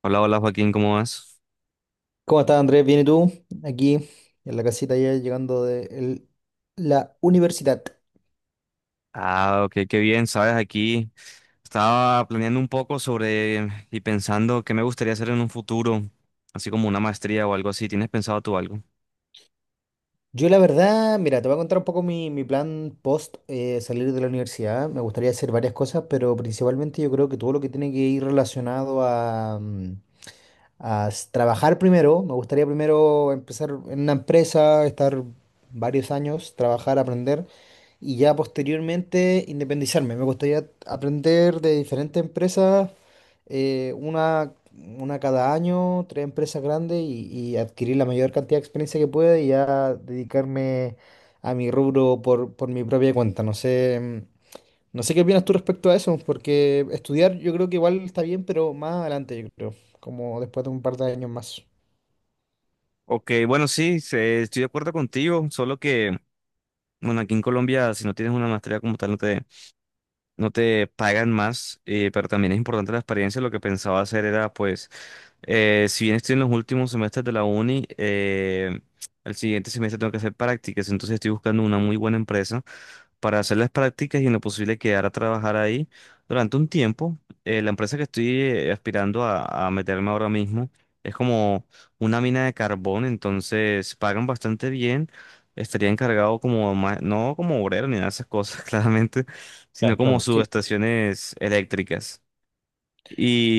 Hola, hola Joaquín, ¿cómo vas? ¿Cómo estás, Andrés? ¿Bien y tú? Aquí en la casita ya llegando de la universidad. Ah, ok, qué bien, sabes, aquí estaba planeando un poco sobre y pensando qué me gustaría hacer en un futuro, así como una maestría o algo así. ¿Tienes pensado tú algo? Yo la verdad, mira, te voy a contar un poco mi plan post salir de la universidad. Me gustaría hacer varias cosas, pero principalmente yo creo que todo lo que tiene que ir relacionado a trabajar primero. Me gustaría primero empezar en una empresa, estar varios años, trabajar, aprender y ya posteriormente independizarme. Me gustaría aprender de diferentes empresas, eh, una, una cada año, tres empresas grandes y adquirir la mayor cantidad de experiencia que pueda y ya dedicarme a mi rubro por mi propia cuenta. No sé. No sé qué opinas tú respecto a eso, porque estudiar yo creo que igual está bien, pero más adelante, yo creo, como después de un par de años más. Ok, bueno, sí, estoy de acuerdo contigo, solo que, bueno, aquí en Colombia, si no tienes una maestría como tal, no te pagan más, pero también es importante la experiencia. Lo que pensaba hacer era, pues, si bien estoy en los últimos semestres de la uni, el siguiente semestre tengo que hacer prácticas, entonces estoy buscando una muy buena empresa para hacer las prácticas y en lo posible quedar a trabajar ahí durante un tiempo. La empresa que estoy aspirando a meterme ahora mismo es como una mina de carbón, entonces pagan bastante bien. Estaría encargado como, no como obrero ni nada de esas cosas, claramente, sino Ya, como claro. Sí. subestaciones eléctricas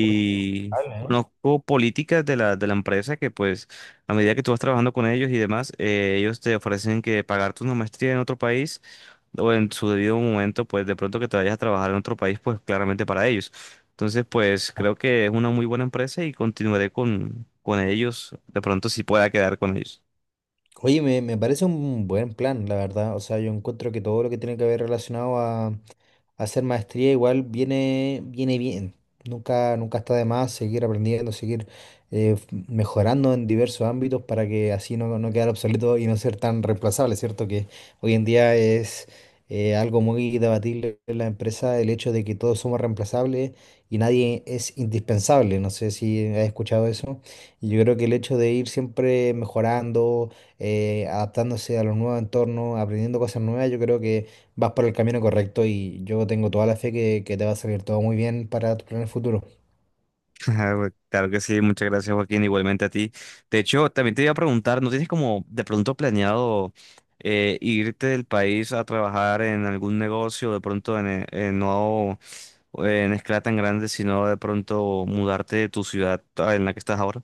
Oye, vale, ¿eh? conozco políticas de de la empresa que pues a medida que tú vas trabajando con ellos y demás, ellos te ofrecen que pagarte una maestría en otro país o en su debido momento, pues de pronto que te vayas a trabajar en otro país, pues claramente para ellos. Entonces, pues Ah, creo que es una muy buena empresa y continuaré con ellos, de pronto si pueda quedar con ellos. oye, me parece un buen plan, la verdad. O sea, yo encuentro que todo lo que tiene que ver relacionado a hacer maestría igual viene bien. Nunca, nunca está de más seguir aprendiendo, seguir mejorando en diversos ámbitos para que así no quedar obsoleto y no ser tan reemplazable, ¿cierto? Que hoy en día es algo muy debatible en la empresa el hecho de que todos somos reemplazables y nadie es indispensable. No sé si has escuchado eso. Y yo creo que el hecho de ir siempre mejorando, adaptándose a los nuevos entornos, aprendiendo cosas nuevas, yo creo que vas por el camino correcto y yo tengo toda la fe que te va a salir todo muy bien para tus planes futuros. Ah, claro que sí, muchas gracias Joaquín, igualmente a ti. De hecho, también te iba a preguntar, ¿no tienes como de pronto planeado irte del país a trabajar en algún negocio, de pronto en no en escala tan grande, sino de pronto mudarte de tu ciudad ah, ¿en la que estás ahora?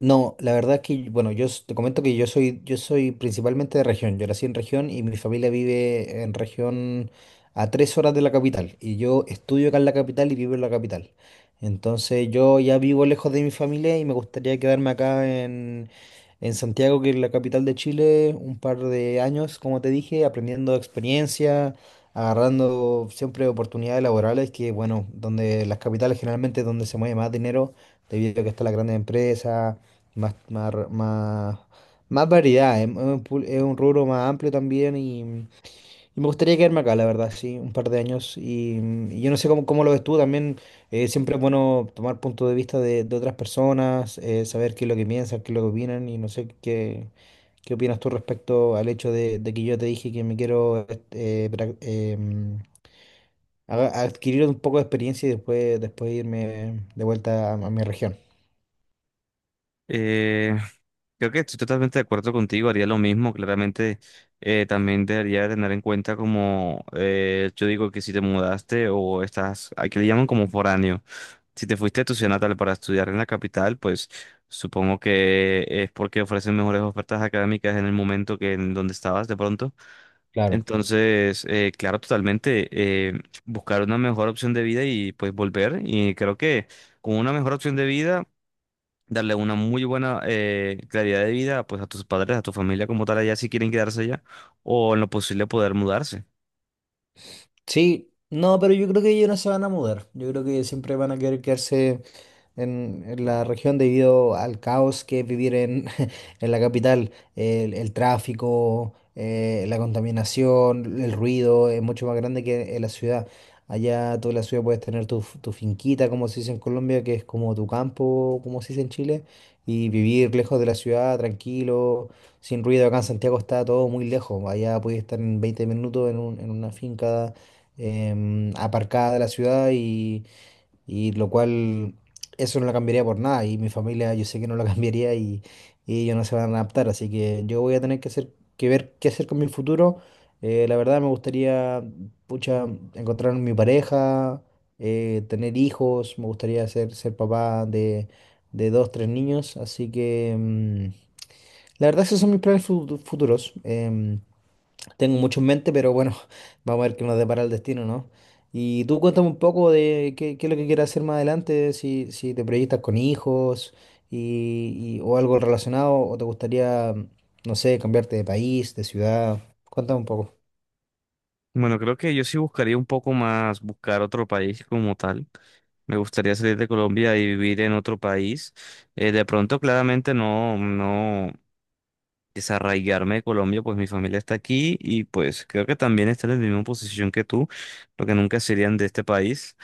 No, la verdad es que, bueno, te comento que yo soy principalmente de región. Yo nací en región y mi familia vive en región a 3 horas de la capital. Y yo estudio acá en la capital y vivo en la capital. Entonces yo ya vivo lejos de mi familia y me gustaría quedarme acá en Santiago, que es la capital de Chile, un par de años, como te dije, aprendiendo experiencia, agarrando siempre oportunidades laborales, que bueno, donde las capitales generalmente es donde se mueve más dinero, debido a que están las grandes empresas más, más, r- más, más variedad, es un rubro más amplio también y me gustaría quedarme acá, la verdad, sí, un par de años. Y yo no sé cómo lo ves tú también, siempre es bueno tomar punto de vista de otras personas, saber qué es lo que piensan, qué es lo que opinan y no sé qué opinas tú respecto al hecho de que yo te dije que me quiero adquirir un poco de experiencia y después, después irme de vuelta a mi región. Creo que estoy totalmente de acuerdo contigo, haría lo mismo, claramente también debería tener en cuenta como yo digo que si te mudaste o estás, aquí le llaman como foráneo, si te fuiste a tu ciudad natal para estudiar en la capital, pues supongo que es porque ofrecen mejores ofertas académicas en el momento que en donde estabas de pronto. Claro. Entonces, claro, totalmente, buscar una mejor opción de vida y pues volver y creo que con una mejor opción de vida darle una muy buena calidad de vida pues a tus padres, a tu familia como tal allá si quieren quedarse allá o en lo posible poder mudarse. Sí, no, pero yo creo que ellos no se van a mudar. Yo creo que siempre van a querer quedarse en la región debido al caos que es vivir en, en la capital. El tráfico, la contaminación, el ruido es mucho más grande que en la ciudad. Allá tú en la ciudad puedes tener tu finquita, como se dice en Colombia, que es como tu campo, como se dice en Chile, y vivir lejos de la ciudad, tranquilo sin ruido. Acá en Santiago está todo muy lejos. Allá puedes estar en 20 minutos en una finca, aparcada de la ciudad, y lo cual eso no lo cambiaría por nada, y mi familia yo sé que no lo cambiaría, y ellos no se van a adaptar, así que yo voy a tener que ver qué hacer con mi futuro. La verdad me gustaría, pucha, encontrar mi pareja, tener hijos, me gustaría ser papá de dos, tres niños, así que. La verdad, esos son mis planes futuros. Tengo mucho en mente, pero bueno, vamos a ver qué nos depara el destino, ¿no? Y tú cuéntame un poco de qué es lo que quieres hacer más adelante, si te proyectas con hijos o algo relacionado, o te gustaría, no sé, cambiarte de país, de ciudad. Cuéntame un poco. Bueno, creo que yo sí buscaría un poco más buscar otro país como tal. Me gustaría salir de Colombia y vivir en otro país. De pronto, claramente no, no desarraigarme de Colombia, pues mi familia está aquí y pues creo que también están en la misma posición que tú, porque nunca serían de este país.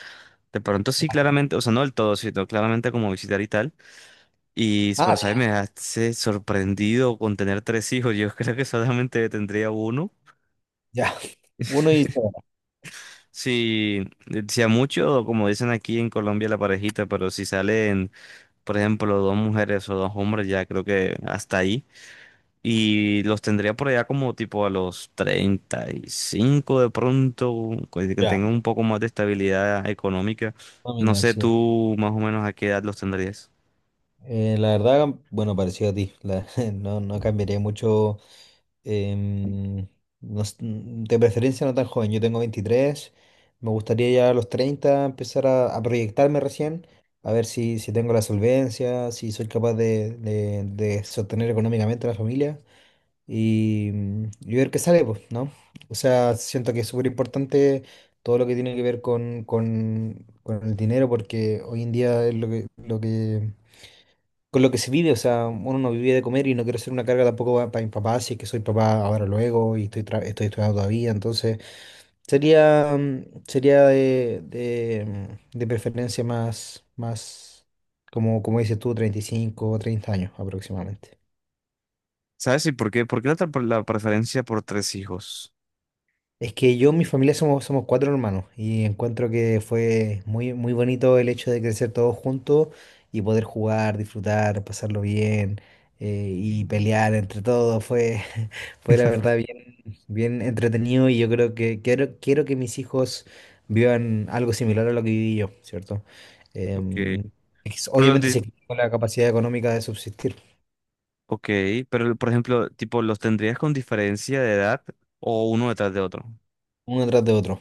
De pronto sí, claramente, o sea, no del todo, sino claramente como visitar y tal. Y, Ah, pero, ¿sabes? Me hace sorprendido con tener tres hijos. Yo creo que solamente tendría uno. ya, uno y Si, si a mucho, como dicen aquí en Colombia, la parejita, pero si salen, por ejemplo, dos mujeres o dos hombres, ya creo que hasta ahí. Y los tendría por allá como tipo a los 35 de pronto, que ya. tengan un poco más de estabilidad económica. No, No mira, sé sí. tú más o menos a qué edad los tendrías. La verdad, bueno, parecido a ti. No cambiaría mucho. Em, no s- mm, De preferencia no tan joven, yo tengo 23, me gustaría ya a los 30 empezar a proyectarme recién, a ver si tengo la solvencia, si soy capaz de sostener económicamente a la familia y ver qué sale, pues, ¿no? O sea, siento que es súper importante todo lo que tiene que ver con el dinero porque hoy en día es lo que con lo que se vive, o sea, uno no vive de comer y no quiero ser una carga tampoco para mi papá, si es que soy papá ahora o luego y estoy estudiando todavía, entonces sería de preferencia más, como dices tú, 35 o 30 años aproximadamente. ¿Sabes? ¿Y por qué? ¿Por qué la, la preferencia por tres hijos? Es que yo, mi familia somos cuatro hermanos y encuentro que fue muy, muy bonito el hecho de crecer todos juntos y poder jugar, disfrutar, pasarlo bien, y pelear entre todos. Fue la verdad bien, bien entretenido y yo creo que quiero que mis hijos vivan algo similar a lo que viví yo, ¿cierto? Ok. Em, Pero los Obviamente di- se quedó con la capacidad económica de subsistir, ok, pero por ejemplo, tipo, ¿los tendrías con diferencia de edad o uno detrás de otro? uno tras de otro.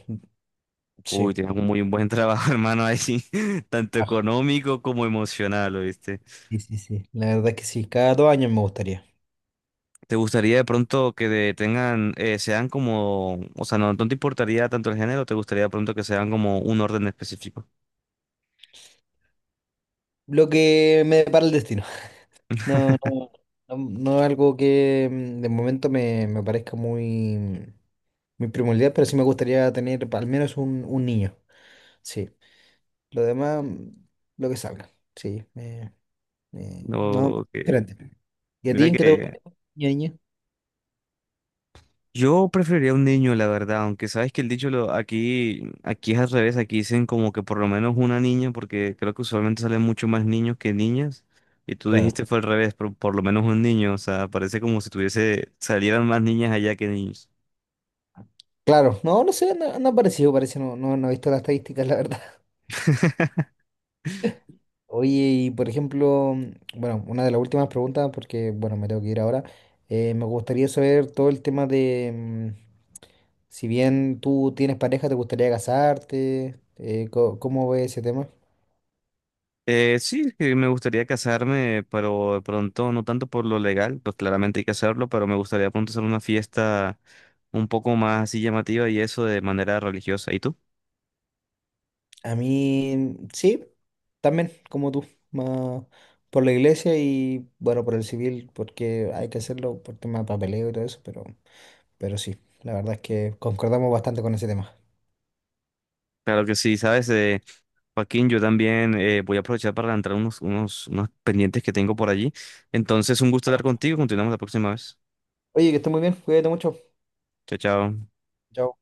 Sí. Uy, tienes un muy buen trabajo, hermano, ahí, tanto Ah, económico como emocional, ¿oíste? sí, sí, sí. La verdad es que sí, cada 2 años me gustaría. ¿Te gustaría de pronto que tengan, sean como, o sea, no, no te importaría tanto el género, te gustaría de pronto que sean como un orden específico? Lo que me depara el destino. No, no, No, es algo que de momento me parezca muy, muy primordial, pero sí me gustaría tener al menos un niño. Sí. Lo demás, lo que salga. Sí, no, No, que- diferente. ¿Y a ti mira en qué te gusta, que niño, niña? yo preferiría un niño, la verdad, aunque sabes que el dicho lo, aquí, aquí es al revés, aquí dicen como que por lo menos una niña, porque creo que usualmente salen mucho más niños que niñas, y tú Claro. dijiste fue al revés, por lo menos un niño, o sea, parece como si tuviese, salieran más niñas allá que niños. Claro, no sé, no ha parecido, parece, no he visto las estadísticas, la verdad. Oye, y por ejemplo, bueno, una de las últimas preguntas, porque, bueno, me tengo que ir ahora, me gustaría saber todo el tema de, si bien tú tienes pareja, ¿te gustaría casarte? ¿Cómo ves ese tema? Sí, que me gustaría casarme, pero de pronto no tanto por lo legal, pues claramente hay que hacerlo, pero me gustaría de pronto hacer una fiesta un poco más así llamativa y eso de manera religiosa. ¿Y tú? A mí, sí, también, como tú, más por la iglesia y, bueno, por el civil, porque hay que hacerlo por tema de papeleo y todo eso, pero, sí, la verdad es que concordamos bastante con ese tema. Claro que sí, ¿sabes? Joaquín, yo también voy a aprovechar para entrar unos pendientes que tengo por allí. Entonces, un gusto hablar contigo. Continuamos la próxima vez. Oye, que estés muy bien, cuídate mucho. Chao, chao. Chao.